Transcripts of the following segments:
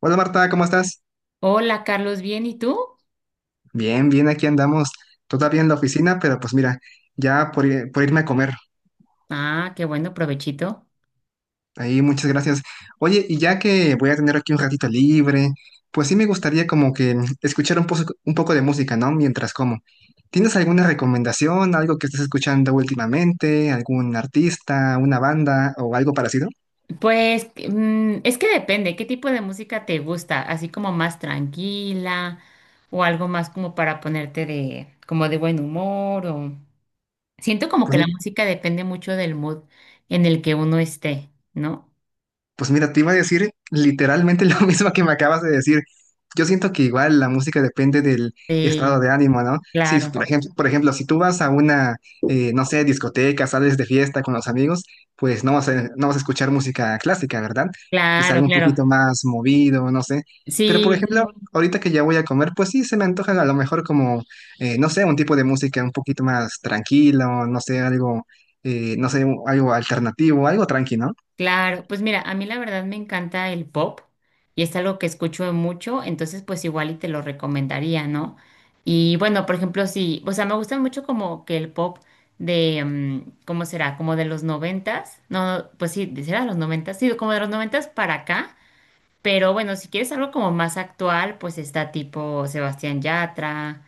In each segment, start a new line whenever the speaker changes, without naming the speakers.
Hola Marta, ¿cómo estás?
Hola, Carlos, ¿bien? ¿Y tú?
Bien, bien, aquí andamos.
¿Qué-
Todavía en la oficina, pero pues mira, ya por irme a comer.
Ah, qué bueno, provechito.
Ahí, muchas gracias. Oye, y ya que voy a tener aquí un ratito libre, pues sí me gustaría como que escuchar un poco de música, ¿no? Mientras como. ¿Tienes alguna recomendación, algo que estés escuchando últimamente, algún artista, una banda o algo parecido?
Pues es que depende, ¿qué tipo de música te gusta? Así como más tranquila o algo más como para ponerte de como de buen humor, o siento como que
Pues
la música depende mucho del mood en el que uno esté, ¿no?
pues mira, te iba a decir literalmente lo mismo que me acabas de decir. Yo siento que igual la música depende del estado
Sí,
de ánimo, ¿no? Si, por
claro,
ejemplo, si tú vas a una, no sé, discoteca, sales de fiesta con los amigos, pues no vas a escuchar música clásica, ¿verdad? Que
claro,
algo un
claro.
poquito más movido, no sé. Pero por
Sí,
ejemplo, ahorita que ya voy a comer, pues sí, se me antoja a lo mejor como, no sé, un tipo de música un poquito más tranquilo, no sé, algo, no sé, algo alternativo, algo tranquilo,
claro, pues mira, a mí la verdad me encanta el pop y es algo que escucho mucho, entonces pues igual y te lo recomendaría, ¿no? Y bueno, por ejemplo, sí, o sea, me gustan mucho como que el pop de, ¿cómo será? Como de los noventas, no, pues sí, será de los noventas, sí, como de los noventas para acá, pero bueno, si quieres algo como más actual, pues está tipo Sebastián Yatra,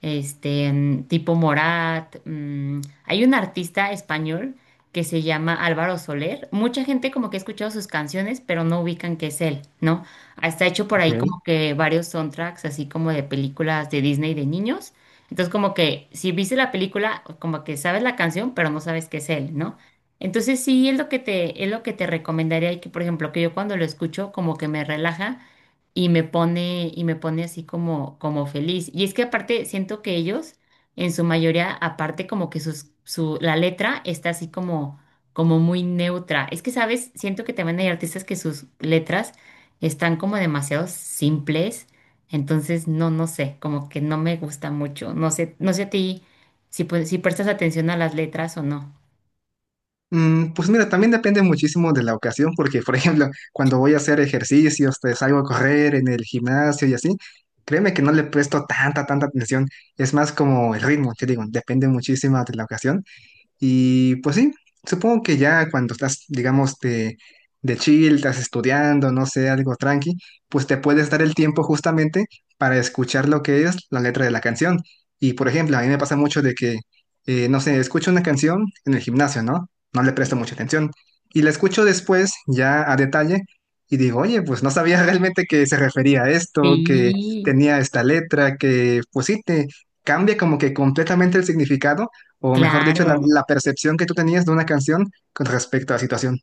este, tipo Morat. Hay un artista español que se llama Álvaro Soler. Mucha gente como que ha escuchado sus canciones, pero no ubican que es él, ¿no? Hasta ha hecho por ahí
¿no?
como que varios soundtracks, así como de películas de Disney de niños. Entonces como que si viste la película, como que sabes la canción, pero no sabes que es él, ¿no? Entonces sí, es lo que te, es lo que te recomendaría, y que, por ejemplo, que yo cuando lo escucho como que me relaja y me pone así como, como feliz. Y es que aparte siento que ellos, en su mayoría, aparte como que sus, su, la letra está así como, como muy neutra. Es que, ¿sabes? Siento que también hay artistas que sus letras están como demasiado simples. Entonces, no, no sé, como que no me gusta mucho. No sé, no sé a ti si, pues, si prestas atención a las letras o no.
Pues mira, también depende muchísimo de la ocasión, porque por ejemplo, cuando voy a hacer ejercicios, te salgo a correr en el gimnasio y así, créeme que no le presto tanta atención, es más como el ritmo, te digo, depende muchísimo de la ocasión, y pues sí, supongo que ya cuando estás, digamos, de chill, estás estudiando, no sé, algo tranqui, pues te puedes dar el tiempo justamente para escuchar lo que es la letra de la canción. Y por ejemplo, a mí me pasa mucho de que, no sé, escucho una canción en el gimnasio, ¿no? No le presto mucha atención. Y la escucho después, ya a detalle, y digo, oye, pues no sabía realmente que se refería a esto, que
Sí,
tenía esta letra, que pues sí, te cambia como que completamente el significado o mejor dicho,
claro.
la percepción que tú tenías de una canción con respecto a la situación.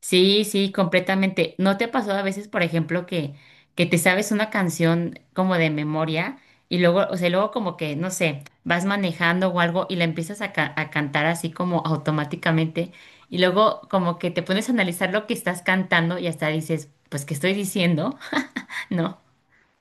Sí, sí, completamente. ¿No te ha pasado a veces, por ejemplo, que, te sabes una canción como de memoria y luego, o sea, luego como que, no sé, vas manejando o algo y la empiezas a cantar así como automáticamente, y luego como que te pones a analizar lo que estás cantando y hasta dices, pues, ¿qué estoy diciendo? ¿No?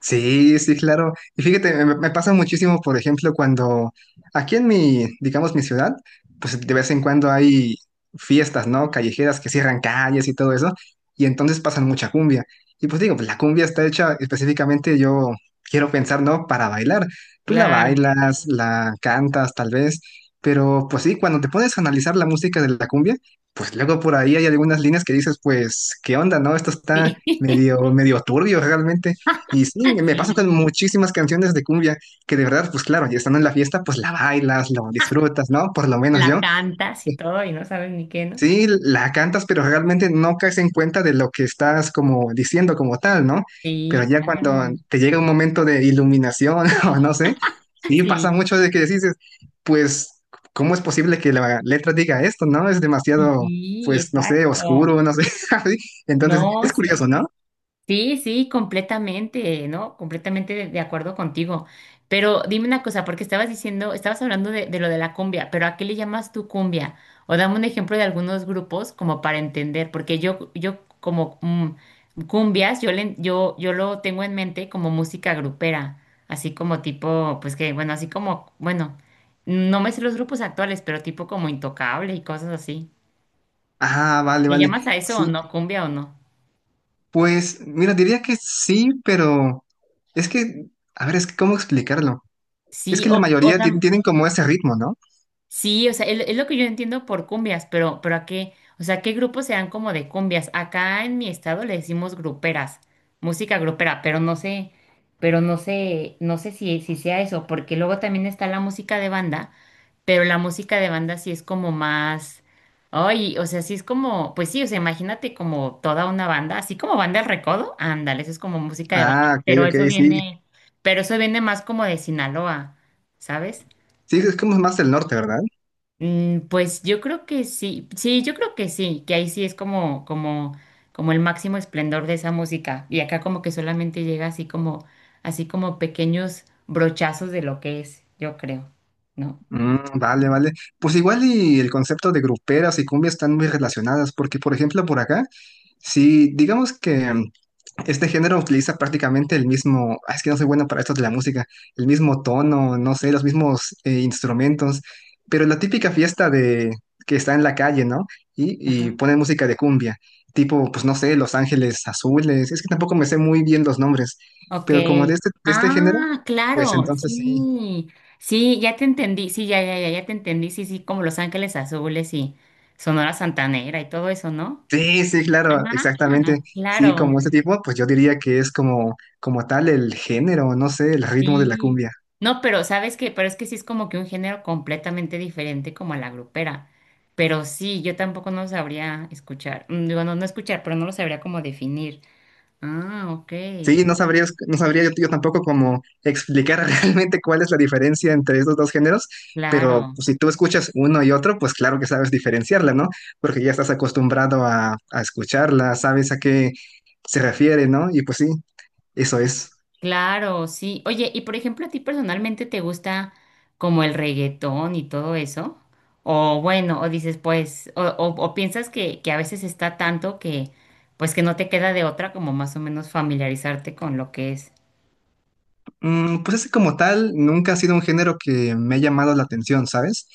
Sí, sí, claro. Y fíjate, me pasa muchísimo, por ejemplo, cuando aquí en mi, digamos, mi ciudad, pues de vez en cuando hay fiestas, ¿no? Callejeras que cierran calles y todo eso, y entonces pasan mucha cumbia. Y pues digo, pues la cumbia está hecha específicamente, yo quiero pensar, ¿no? Para bailar. Tú la
Claro,
bailas, la cantas, tal vez, pero pues sí, cuando te pones a analizar la música de la cumbia, pues luego por ahí hay algunas líneas que dices, pues, ¿qué onda, no? Esto está
sí.
medio, medio turbio realmente. Y sí, me pasa con
Sí,
muchísimas canciones de cumbia que de verdad, pues claro, ya estando en la fiesta, pues la bailas, la disfrutas, ¿no? Por lo menos
la
yo.
cantas y
Pues
todo y no sabes ni qué, ¿no?
sí, la cantas, pero realmente no caes en cuenta de lo que estás como diciendo como tal, ¿no? Pero
Sí,
ya cuando
claro.
te llega un momento de iluminación o no sé, sí, pasa
Sí,
mucho de que dices, pues, ¿cómo es posible que la letra diga esto, ¿no? Es demasiado,
sí,
pues, no sé,
exacto.
oscuro, no sé. Así. Entonces,
No,
es curioso,
sí.
¿no?
Sí, sí, completamente, ¿no? Completamente de acuerdo contigo. Pero dime una cosa, porque estabas diciendo, estabas hablando de, lo de la cumbia, pero ¿a qué le llamas tú cumbia? O dame un ejemplo de algunos grupos como para entender, porque yo como cumbias, yo, le, yo lo tengo en mente como música grupera, así como tipo, pues que, bueno, así como, bueno, no me sé los grupos actuales, pero tipo como Intocable y cosas así.
Ah, vale,
¿Le
vale.
llamas a eso o
Sí,
no, cumbia o no?
pues, mira, diría que sí, pero es que, a ver, es que, ¿cómo explicarlo? Es
Sí,
que la mayoría tienen como ese ritmo, ¿no?
sí, o sea, es, lo que yo entiendo por cumbias, pero ¿a qué? O sea, ¿qué grupos sean como de cumbias? Acá en mi estado le decimos gruperas, música grupera, pero no sé, no sé si sea eso, porque luego también está la música de banda, pero la música de banda sí es como más, ay, o sea, sí es como, pues sí, o sea, imagínate como toda una banda, así como banda El Recodo, ándale, eso es como música de
Ah,
banda,
ok,
pero
ok,
eso
sí.
viene, pero eso viene más como de Sinaloa, ¿sabes?
Sí, es como más del norte, ¿verdad?
Pues yo creo que sí, sí, yo creo que sí, que ahí sí es como, el máximo esplendor de esa música. Y acá como que solamente llega así como pequeños brochazos de lo que es, yo creo, ¿no?
Vale, vale. Pues igual y el concepto de gruperas y cumbia están muy relacionadas, porque por ejemplo por acá, si digamos que este género utiliza prácticamente el mismo, ah, es que no soy bueno para esto de la música, el mismo tono, no sé, los mismos instrumentos, pero la típica fiesta de que está en la calle, ¿no? Y, y
Ajá.
ponen música de cumbia, tipo, pues no sé, Los Ángeles Azules, es que tampoco me sé muy bien los nombres,
Ok.
pero como de este género,
Ah,
pues
claro,
entonces sí,
sí. Sí, ya te entendí. Sí, ya, ya, ya, ya te entendí. Sí, sí, como Los Ángeles Azules y Sonora Santanera y todo eso, ¿no?
sí, sí, claro,
Ah,
exactamente, sí, como
claro.
este tipo, pues yo diría que es como, como tal el género, no sé, el ritmo de la
Sí.
cumbia.
No, pero sabes que, pero es que sí es como que un género completamente diferente como a la grupera. Pero sí, yo tampoco no sabría escuchar. Digo, no, no escuchar, pero no lo sabría como definir. Ah, ok.
Sí, no sabría yo, yo tampoco cómo explicar realmente cuál es la diferencia entre estos dos géneros, pero
Claro,
pues, si tú escuchas uno y otro, pues claro que sabes diferenciarla, ¿no? Porque ya estás acostumbrado a escucharla, sabes a qué se refiere, ¿no? Y pues sí, eso es.
claro, sí. Oye, y por ejemplo, ¿a ti personalmente te gusta como el reggaetón y todo eso? O bueno, o dices, pues, o piensas que, a veces está tanto que, pues que no te queda de otra como más o menos familiarizarte con lo que es.
Mm, pues ese como tal nunca ha sido un género que me ha llamado la atención, ¿sabes?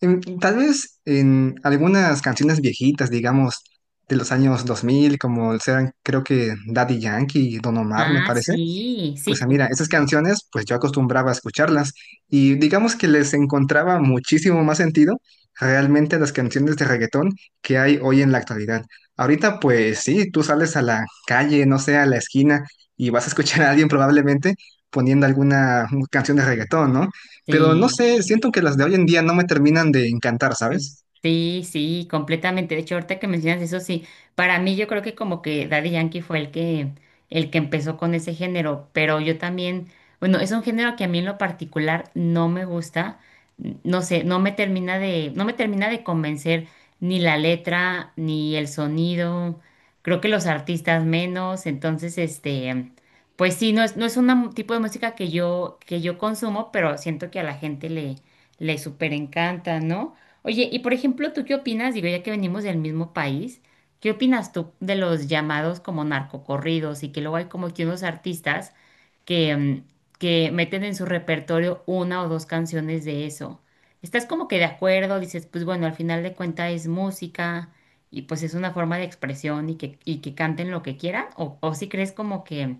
Tal vez en algunas canciones viejitas, digamos, de los años 2000 como sean, creo que Daddy Yankee y Don Omar, me
Ah,
parece.
sí, sí,
Pues ah, mira, esas canciones, pues yo acostumbraba a escucharlas y digamos que les encontraba muchísimo más sentido realmente a las canciones de reggaetón que hay hoy en la actualidad. Ahorita, pues sí, tú sales a la calle, no sé, a la esquina y vas a escuchar a alguien probablemente poniendo alguna canción de reggaetón, ¿no? Pero no
sí.
sé, siento que las de hoy en día no me terminan de encantar, ¿sabes?
Sí, sí, completamente. De hecho, ahorita que mencionas eso, sí, para mí yo creo que como que Daddy Yankee fue el que, empezó con ese género, pero yo también, bueno, es un género que a mí en lo particular no me gusta, no sé, no me termina de, convencer ni la letra, ni el sonido, creo que los artistas menos, entonces, este, pues sí, no es, un tipo de música que yo consumo, pero siento que a la gente le súper encanta, ¿no? Oye, y por ejemplo, ¿tú qué opinas? Digo, ya que venimos del mismo país, ¿qué opinas tú de los llamados como narcocorridos y que luego hay como que unos artistas que, que meten en su repertorio una o dos canciones de eso? ¿Estás como que de acuerdo? Dices, pues bueno, al final de cuentas es música y pues es una forma de expresión y que, canten lo que quieran, o si crees como que,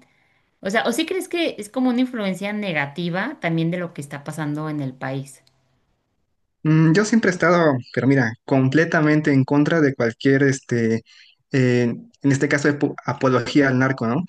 o sea, o si crees que es como una influencia negativa también de lo que está pasando en el país.
Yo siempre he estado, pero mira, completamente en contra de cualquier, este, eh, en este caso, apología al narco, ¿no?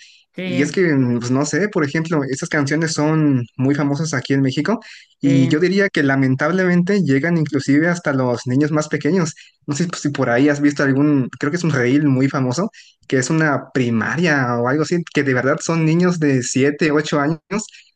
Y es
Sí,
que, pues no sé, por ejemplo, estas canciones son muy famosas aquí en México y yo
sí.
diría que lamentablemente llegan inclusive hasta los niños más pequeños. No sé si por ahí has visto algún, creo que es un reel muy famoso, que es una primaria o algo así, que de verdad son niños de 7, 8 años,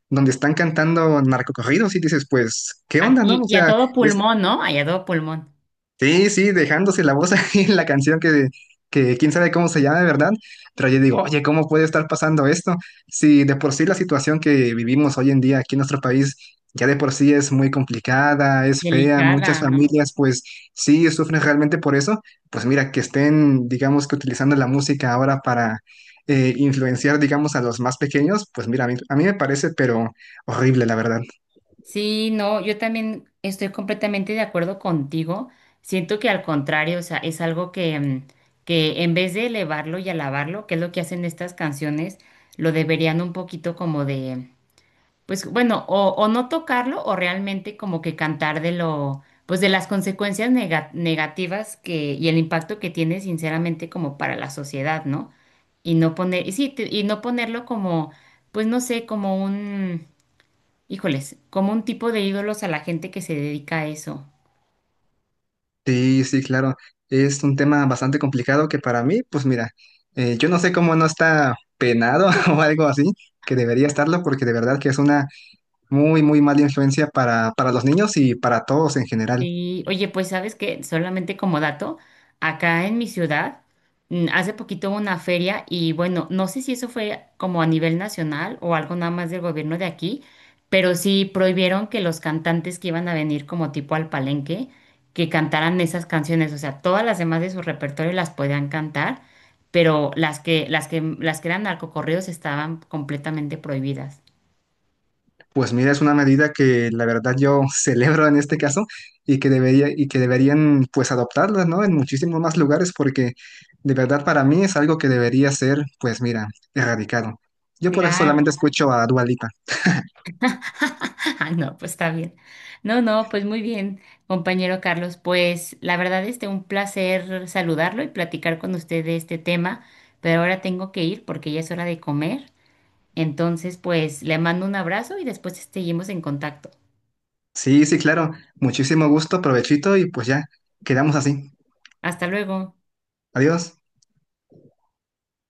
donde están cantando narcocorridos y dices, pues, ¿qué onda, no?
Y,
O
y a
sea,
todo pulmón, ¿no? Y a todo pulmón.
sí, sí, dejándose la voz ahí en la canción que quién sabe cómo se llama, ¿verdad? Pero yo digo, oye, ¿cómo puede estar pasando esto? Si de por sí la situación que vivimos hoy en día aquí en nuestro país ya de por sí es muy complicada, es fea, muchas
Delicada, ¿no?
familias pues sí sufren realmente por eso, pues mira, que estén, digamos que utilizando la música ahora para influenciar, digamos, a los más pequeños, pues mira, a mí me parece, pero horrible, la verdad.
Sí, no, yo también estoy completamente de acuerdo contigo. Siento que al contrario, o sea, es algo que, que en vez de elevarlo y alabarlo, que es lo que hacen estas canciones, lo deberían un poquito como de, pues bueno, o no tocarlo o realmente como que cantar de lo, pues de las consecuencias negativas que y el impacto que tiene sinceramente como para la sociedad, ¿no? Y no poner, y sí, y no ponerlo como, pues no sé, como un, híjoles, como un tipo de ídolos a la gente que se dedica a eso.
Sí, sí, claro. Es un tema bastante complicado que para mí, pues mira, yo no sé cómo no está penado o algo así, que debería estarlo, porque de verdad que es una muy, muy mala influencia para los niños y para todos en general.
Y oye, pues sabes que solamente como dato, acá en mi ciudad, hace poquito hubo una feria y bueno, no sé si eso fue como a nivel nacional o algo nada más del gobierno de aquí, pero sí prohibieron que los cantantes que iban a venir como tipo al palenque, que cantaran esas canciones, o sea, todas las demás de su repertorio las podían cantar, pero las que, eran narcocorridos estaban completamente prohibidas.
Pues mira, es una medida que la verdad yo celebro en este caso y que debería, y que deberían pues adoptarla, ¿no? En muchísimos más lugares, porque de verdad para mí es algo que debería ser, pues mira, erradicado. Yo por eso
Claro.
solamente escucho a Dua Lipa.
Ah, no, pues está bien. No, no, pues muy bien, compañero Carlos. Pues la verdad, este, un placer saludarlo y platicar con usted de este tema, pero ahora tengo que ir porque ya es hora de comer. Entonces, pues le mando un abrazo y después este, seguimos en contacto.
Sí, sí, claro. Muchísimo gusto, provechito y pues ya, quedamos así.
Hasta luego.
Adiós.